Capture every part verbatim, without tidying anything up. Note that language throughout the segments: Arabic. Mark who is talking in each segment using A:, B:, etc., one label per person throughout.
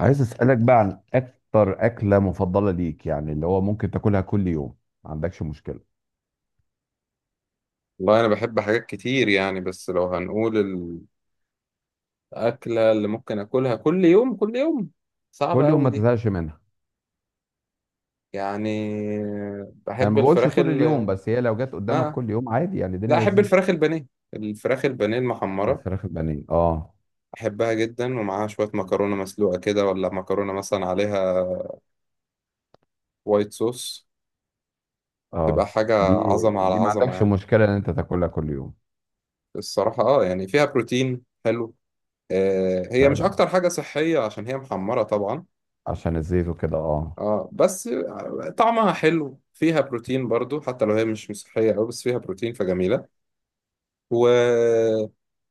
A: عايز اسالك بقى عن اكتر اكله مفضله ليك، يعني اللي هو ممكن تاكلها كل يوم ما عندكش مشكله؟
B: والله أنا بحب حاجات كتير، يعني بس لو هنقول الأكلة اللي ممكن أكلها كل يوم كل يوم،
A: كل
B: صعبة
A: يوم
B: أوي
A: ما
B: دي.
A: تزهقش منها؟
B: يعني
A: انا
B: بحب
A: ما بقولش
B: الفراخ
A: طول
B: ال
A: اليوم، بس هي لو جت قدامك
B: آه
A: كل يوم عادي يعني
B: لا،
A: الدنيا
B: أحب
A: لذيذه.
B: الفراخ البانيه. الفراخ البانيه المحمرة
A: الفراخ البانيه، اه.
B: أحبها جدا، ومعاها شوية مكرونة مسلوقة كده، ولا مكرونة مثلا عليها وايت صوص. تبقى
A: اه،
B: حاجة
A: دي
B: عظمة على
A: دي ما
B: عظمة
A: عندكش
B: يعني.
A: مشكله ان انت تاكلها كل يوم؟
B: الصراحة آه يعني فيها بروتين حلو. آه هي مش
A: فعلا،
B: أكتر حاجة صحية عشان هي محمرة طبعا.
A: عشان الزيت وكده. اه
B: اه، بس طعمها حلو، فيها بروتين برضو، حتى لو هي مش صحية أوي بس فيها بروتين فجميلة. و...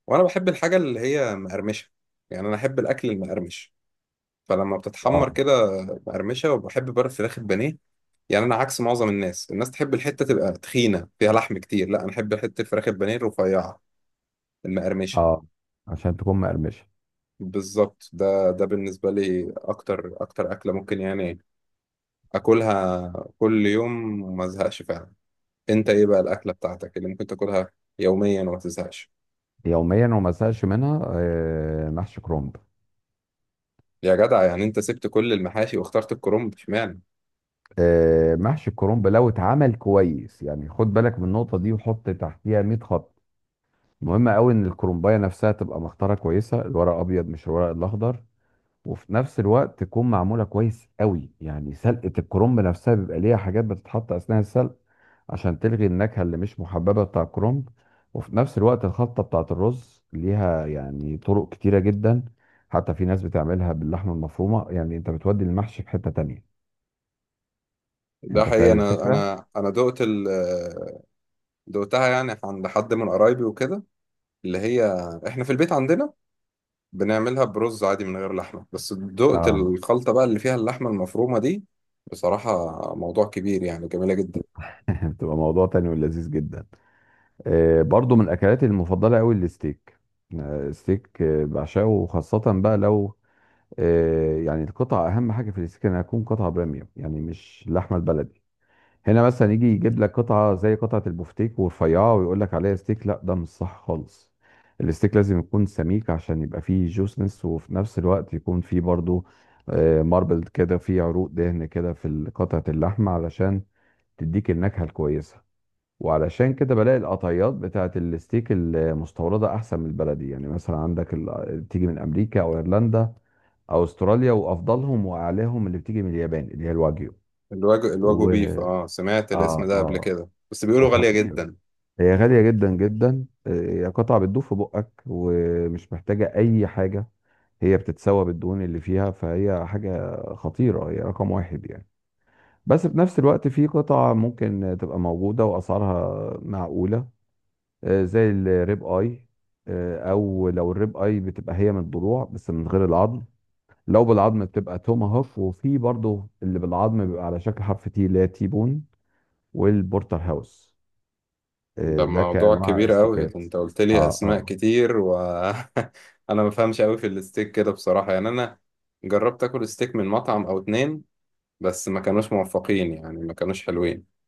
B: وأنا بحب الحاجة اللي هي مقرمشة، يعني أنا أحب الأكل المقرمش. فلما
A: اه
B: بتتحمر كده مقرمشة، وبحب بقى الفراخ البانيه. يعني أنا عكس معظم الناس، الناس تحب الحتة تبقى تخينة فيها لحم كتير، لا أنا أحب حتة الفراخ البانيه الرفيعة المقرمشة.
A: اه عشان تكون مقرمشه.
B: بالظبط، ده ده بالنسبة لي أكتر أكتر أكلة ممكن يعني أكلها كل يوم وما أزهقش فعلا. انت ايه بقى الاكله بتاعتك اللي ممكن تاكلها يوميا وما تزهقش؟
A: يوميا وما ازهقش منها؟ آه، محشي كرنب.
B: يا جدع، يعني انت سبت كل المحاشي واخترت الكرنب اشمعنى؟
A: آه، محشي الكرنب لو اتعمل كويس، يعني خد بالك من النقطة دي وحط تحتيها مية خط. مهم قوي ان الكرومبايه نفسها تبقى مختاره كويسه، الورق الابيض مش الورق الاخضر. وفي نفس الوقت تكون معموله كويس قوي، يعني سلقه الكرنب نفسها بيبقى ليها حاجات بتتحط اثناء السلق عشان تلغي النكهه اللي مش محببه بتاع الكرنب. وفي نفس الوقت الخلطه بتاعه الرز ليها يعني طرق كتيره جدا، حتى في ناس بتعملها باللحمه المفرومه، يعني انت بتودي المحشي في حته تانية.
B: ده
A: انت
B: حقيقي،
A: فاهم
B: انا
A: الفكره.
B: انا انا دقت ال دقتها، يعني عند حد من قرايبي وكده، اللي هي احنا في البيت عندنا بنعملها برز عادي من غير لحمه، بس دقت
A: اه.
B: الخلطه بقى اللي فيها اللحمه المفرومه دي. بصراحه، موضوع كبير يعني، جميله جدا.
A: بتبقى موضوع تاني ولذيذ جدا. آه، برضو من اكلاتي المفضله قوي الستيك. آه، ستيك، آه، بعشقه، وخاصه بقى لو آه، يعني القطعه اهم حاجه في الستيك، انها تكون قطعه بريميوم، يعني مش اللحمه البلدي. هنا مثلا يجي يجيب لك قطعه زي قطعه البفتيك ورفيعه ويقول لك عليها ستيك، لا ده مش صح خالص. الستيك لازم يكون سميك عشان يبقى فيه جوسنس، وفي نفس الوقت يكون فيه برضو ماربل كده، فيه عروق دهن كده في قطعه اللحمه، علشان تديك النكهه الكويسه. وعلشان كده بلاقي القطعيات بتاعت الستيك المستوردة أحسن من البلدي. يعني مثلا عندك ال- بتيجي من أمريكا أو إيرلندا أو أستراليا، وأفضلهم وأعلاهم اللي بتيجي من اليابان اللي هي الواجيو.
B: الواجو، الواجو
A: و
B: بيف، اه سمعت الاسم
A: آه
B: ده قبل كده
A: آه
B: بس بيقولوا غاليه
A: خطير.
B: جدا.
A: هي غالية جدا جدا. آه، هي قطعة بتدوب في بقك ومش محتاجة أي حاجة. هي بتتسوى بالدهون اللي فيها، فهي حاجة خطيرة، هي رقم واحد يعني. بس في نفس الوقت في قطع ممكن تبقى موجودة وأسعارها معقولة، آه، زي الريب اي. آه، او لو الريب اي بتبقى هي من الضلوع بس من غير العظم. لو بالعظم بتبقى توماهوف. وفي برضو اللي بالعظم بيبقى على شكل حرف تي، اللي هي تي بون والبورتر هاوس.
B: ده
A: آه، ده
B: موضوع
A: كانواع
B: كبير قوي،
A: استيكات.
B: انت قلت لي
A: اه.
B: اسماء
A: اه،
B: كتير وانا ما بفهمش قوي في الستيك كده بصراحة. يعني انا جربت اكل ستيك من مطعم او اتنين، بس ما كانوش موفقين، يعني ما كانوش حلوين.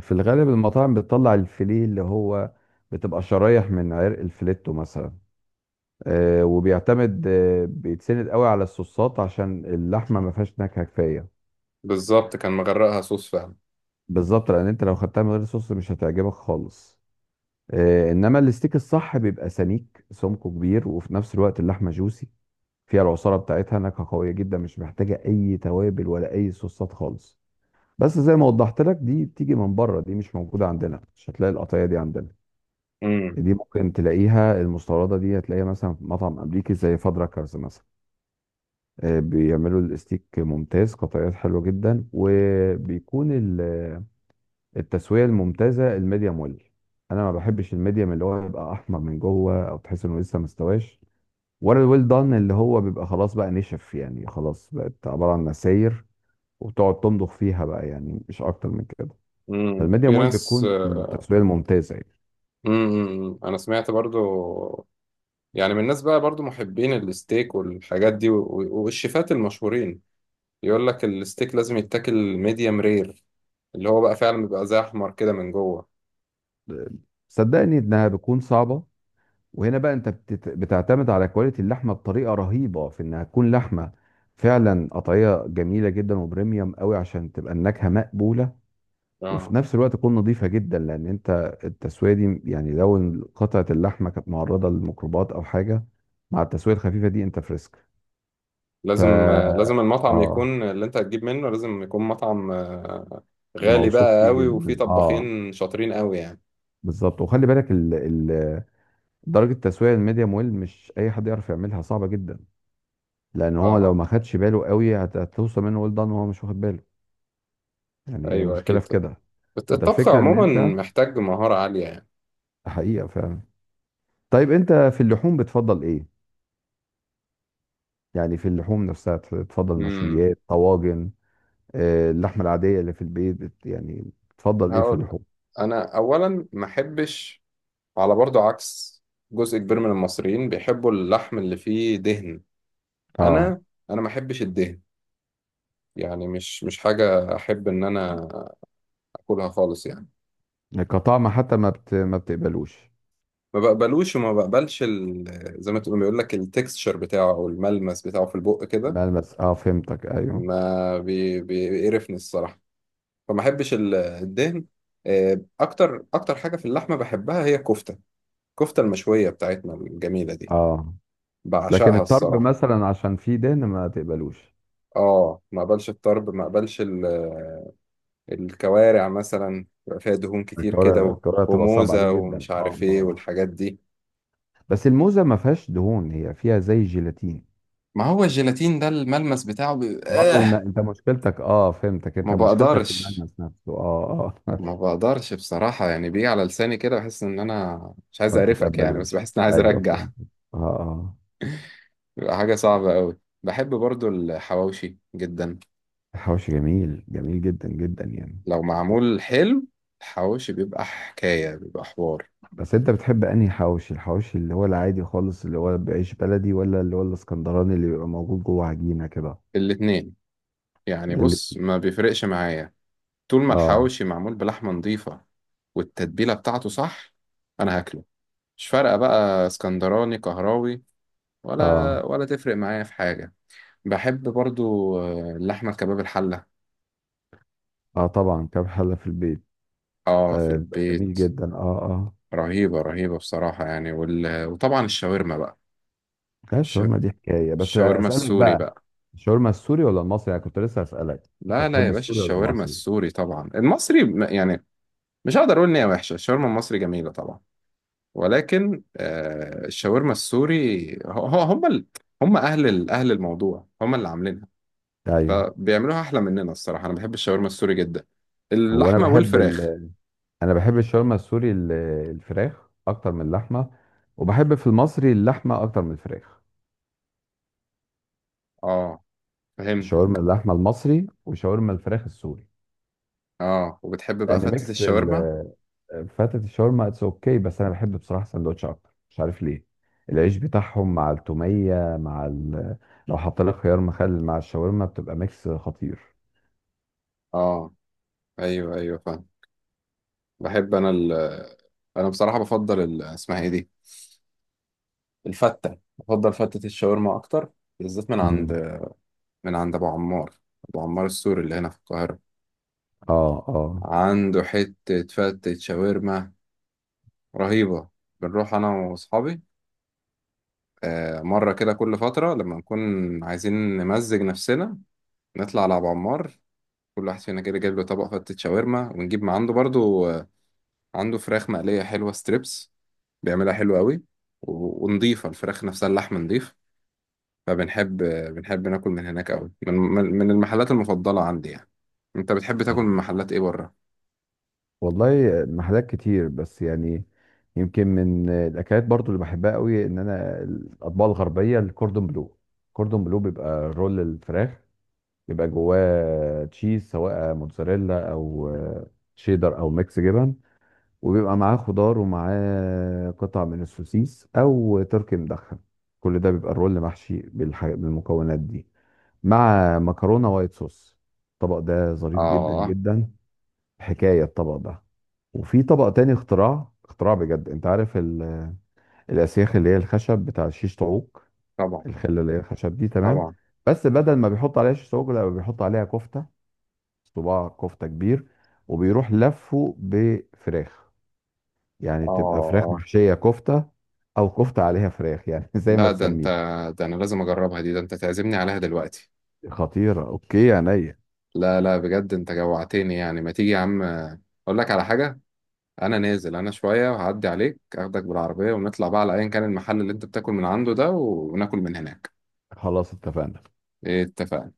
A: في الغالب المطاعم بتطلع الفيليه، اللي هو بتبقى شرايح من عرق الفليتو مثلا. آه، وبيعتمد آه، بيتسند قوي على الصوصات عشان اللحمه ما فيهاش نكهه كفايه.
B: بالظبط، كان مغرقها صوص فعلا.
A: بالظبط، لان انت لو خدتها من غير صوص مش هتعجبك خالص. آه، انما الستيك الصح بيبقى سميك سمكه كبير، وفي نفس الوقت اللحمه جوسي، فيها العصاره بتاعتها، نكهه قويه جدا، مش محتاجه اي توابل ولا اي صوصات خالص. بس زي ما وضحت لك، دي بتيجي من بره، دي مش موجوده عندنا، مش هتلاقي القطعيه دي عندنا.
B: امم
A: دي ممكن تلاقيها المستورده، دي هتلاقيها مثلا في مطعم امريكي زي فادراكرز مثلا. آه، بيعملوا الستيك ممتاز، قطعيات حلوه جدا، وبيكون ال- التسويه الممتازه الميديم ويل. انا ما بحبش الميديم، اللي هو يبقى احمر من جوه او تحس انه لسه مستواش. ولا الويل دان، اللي هو بيبقى خلاص بقى نشف، يعني خلاص بقت عباره عن نساير، وبتقعد تمضغ فيها بقى، يعني مش اكتر من كده.
B: امم
A: فالميديم
B: في
A: ويل
B: ناس
A: بتكون
B: امم
A: التسويه الممتازه يعني.
B: امم، امم. انا سمعت برضو، يعني من الناس بقى برضو محبين الستيك والحاجات دي، و- و- والشيفات المشهورين يقول لك الستيك لازم يتاكل ميديم رير، اللي هو بقى فعلا بيبقى زي احمر كده من جوه.
A: صدقني انها بتكون صعبه. وهنا بقى انت بتت- بتعتمد على كواليتي اللحمه بطريقه رهيبه، في انها تكون لحمه فعلا قطعيه جميله جدا وبريميوم قوي، عشان تبقى النكهه مقبوله. وفي
B: اه،
A: نفس الوقت تكون نظيفة جدا، لأن أنت التسوية دي، يعني لو قطعة اللحمة كانت معرضة للميكروبات أو حاجة، مع التسوية الخفيفة دي أنت فريسك. ف
B: لازم لازم المطعم
A: آه،
B: يكون، اللي انت هتجيب منه لازم يكون مطعم آه، غالي
A: موثوق
B: بقى
A: فيه
B: قوي وفيه
A: جدا. آه،
B: طباخين شاطرين قوي يعني.
A: بالظبط. وخلي بالك ال... ال... درجة التسوية الميديم ويل مش أي حد يعرف يعملها، صعبة جدا. لأن هو لو
B: اه،
A: ما خدش باله قوي، هت- هتوصل منه ويل دان وهو مش واخد باله. يعني هي
B: ايوه
A: المشكلة
B: اكيد.
A: في كده.
B: الت-
A: ده
B: الطبخ
A: الفكرة إن
B: عموما
A: أنت
B: محتاج مهارة عالية يعني.
A: حقيقة فعلا. طيب أنت في اللحوم بتفضل إيه؟ يعني في اللحوم نفسها، ت- تفضل
B: امم
A: مشويات، طواجن، آه، اللحمه العاديه اللي في البيت؟ بت- يعني تفضل ايه في
B: هقول لك.
A: اللحوم؟
B: انا اولا ما احبش، على برضو عكس جزء كبير من المصريين بيحبوا اللحم اللي فيه دهن.
A: اه،
B: انا انا ما احبش الدهن، يعني مش مش حاجة احب ان انا اكلها خالص يعني.
A: كطعم حتى ما بت... ما بتقبلوش؟
B: ما بقبلوش، وما بقبلش ال... زي ما تقول، بيقول لك التكستشر بتاعه، او الملمس بتاعه في البق كده.
A: ملمس، اه فهمتك، ايوه.
B: ما بي... بي- بيقرفني الصراحه. فما احبش ال- الدهن. آه، اكتر اكتر حاجه في اللحمه بحبها هي الكفته، الكفته المشويه بتاعتنا الجميله دي،
A: اه، لكن
B: بعشقها
A: الطرب
B: الصراحه.
A: مثلا عشان فيه دهن ما تقبلوش؟
B: اه، ما اقبلش الطرب، ما اقبلش ال... الكوارع مثلا بيبقى فيها دهون كتير كده،
A: الكوارع،
B: و...
A: الكوارع تبقى صعبه عليك
B: وموزه
A: جدا،
B: ومش
A: اه،
B: عارف
A: آه،
B: ايه
A: آه.
B: والحاجات دي.
A: بس الموزه ما فيهاش دهون، هي فيها زي جيلاتين.
B: ما هو الجيلاتين ده الملمس بتاعه بي...
A: برضه الم...
B: آه
A: انت مشكلتك، اه فهمتك، انت
B: ما
A: مشكلتك في
B: بقدرش،
A: الملمس نفسه. اه اه.
B: ما بقدرش بصراحة، يعني بيجي على لساني كده بحس إن أنا مش عايز
A: ما
B: أقرفك يعني، بس
A: بتتقبلوش،
B: بحس إن أنا عايز
A: ايوه
B: أرجع
A: فهمت. اه اه.
B: بيبقى حاجة صعبة أوي. بحب برضو الحواوشي جدا
A: الحواوشي جميل، جميل جدا جدا يعني.
B: لو معمول حلو. الحواوشي بيبقى حكاية، بيبقى حوار.
A: بس انت بتحب انهي حواوشي؟ الحواوشي اللي هو العادي خالص اللي هو بعيش بلدي، ولا اللي هو الاسكندراني اللي بيبقى موجود جوه عجينة كده؟
B: الاتنين، يعني
A: اللي
B: بص ما بيفرقش معايا. طول ما
A: اه
B: الحواوشي معمول بلحمة نظيفة والتتبيلة بتاعته صح، أنا هاكله، مش فارقة بقى اسكندراني قهراوي،
A: اه،
B: ولا ولا تفرق معايا في حاجة. بحب برضو آه، اللحمة الكباب الحلة.
A: اه طبعا، كام حلة في البيت.
B: اه، في
A: آه، بيبقى
B: البيت.
A: جميل جدا. اه اه.
B: رهيبة رهيبة بصراحة يعني، وال... وطبعا الشاورما بقى.
A: لا،
B: الش...
A: الشاورما دي حكاية. بس
B: الشاورما
A: اسألك
B: السوري
A: بقى،
B: بقى.
A: الشاورما السوري ولا المصري؟ انا كنت لسه اسألك، انت
B: لا لا يا
A: تحب
B: باشا،
A: السوري ولا
B: الشاورما
A: المصري؟
B: السوري طبعا. المصري م- يعني مش هقدر اقول ان هي وحشة، الشاورما المصري جميلة طبعا، ولكن آه الشاورما السوري هو هو- هم ال... هم اهل ال... اهل الموضوع، هم اللي عاملينها
A: ايوه.
B: فبيعملوها احلى مننا الصراحة. انا بحب الشاورما السوري جدا،
A: هو انا
B: اللحمة
A: بحب،
B: والفراخ.
A: انا بحب الشاورما السوري ال- الفراخ اكتر من اللحمه. وبحب في المصري اللحمه اكتر من الفراخ.
B: اه، فهمت.
A: شاورما اللحمه المصري وشاورما الفراخ السوري.
B: اه، وبتحب بقى
A: لان
B: فتة
A: ميكس
B: الشاورما.
A: ال- فتة الشاورما اتس اوكي، بس انا بحب بصراحه سندوتش اكتر، مش عارف ليه. العيش بتاعهم مع التوميه مع ال... لو حط لك خيار مخلل مع الشاورما بتبقى ميكس خطير.
B: اه، ايوه ايوه فاهم. بحب انا ال... انا بصراحه بفضل ال... اسمها ايه دي، الفته، بفضل فته الشاورما اكتر، بالذات من عند
A: مم.
B: من عند ابو عمار. ابو عمار السوري اللي هنا في القاهره،
A: اه اه.
B: عنده حته فته شاورما رهيبه. بنروح انا واصحابي آه، مره كده كل فتره لما نكون عايزين نمزج نفسنا، نطلع على ابو عمار. كل واحد فينا كده جايب له طبق فته شاورما، ونجيب من عنده برضو آه، عنده فراخ مقليه حلوه، ستريبس، بيعملها حلو قوي، و- ونضيفة الفراخ نفسها، اللحم نضيف. فبنحب بنحب ناكل من هناك أوي، من من من المحلات المفضلة عندي يعني. أنت بتحب تاكل من محلات إيه بره؟
A: والله محلات كتير، بس يعني يمكن من الاكلات برضو اللي بحبها قوي ان انا الاطباق الغربيه، الكوردون بلو. الكوردون بلو بيبقى رول الفراخ، بيبقى جواه تشيز، سواء موتزاريلا او شيدر او ميكس جبن. وبيبقى معاه خضار ومعاه قطع من السوسيس او تركي مدخن، كل ده بيبقى الرول محشي بالح- بالمكونات دي، مع مكرونه وايت صوص. الطبق ده ظريف جدا
B: آه،
A: جدا، حكاية الطبق ده. وفي طبق تاني، اختراع، اختراع بجد. انت عارف ال- الاسياخ اللي هي الخشب بتاع شيش طاووق؟
B: طبعا
A: الخله اللي هي الخشب دي، تمام؟
B: طبعا،
A: بس بدل ما بيحط عليها شيش طاووق لا بيحط عليها كفته، صباع كفته كبير، وبيروح لفه بفراخ. يعني بتبقى فراخ
B: آه.
A: محشيه كفته، او كفته عليها فراخ يعني، زي ما
B: لا، ده أنت،
A: تسميها.
B: ده أنا لازم أجربها دي، ده أنت تعزمني عليها دلوقتي.
A: خطيره. اوكي، عينيا.
B: لا لا، بجد أنت جوعتني يعني، ما تيجي يا عم أقول لك على حاجة؟ أنا نازل أنا شوية، وهعدي عليك أخدك بالعربية، ونطلع بقى على أيا كان المحل اللي أنت بتاكل من عنده ده، وناكل من هناك.
A: خلاص، اتفقنا.
B: إيه، اتفقنا.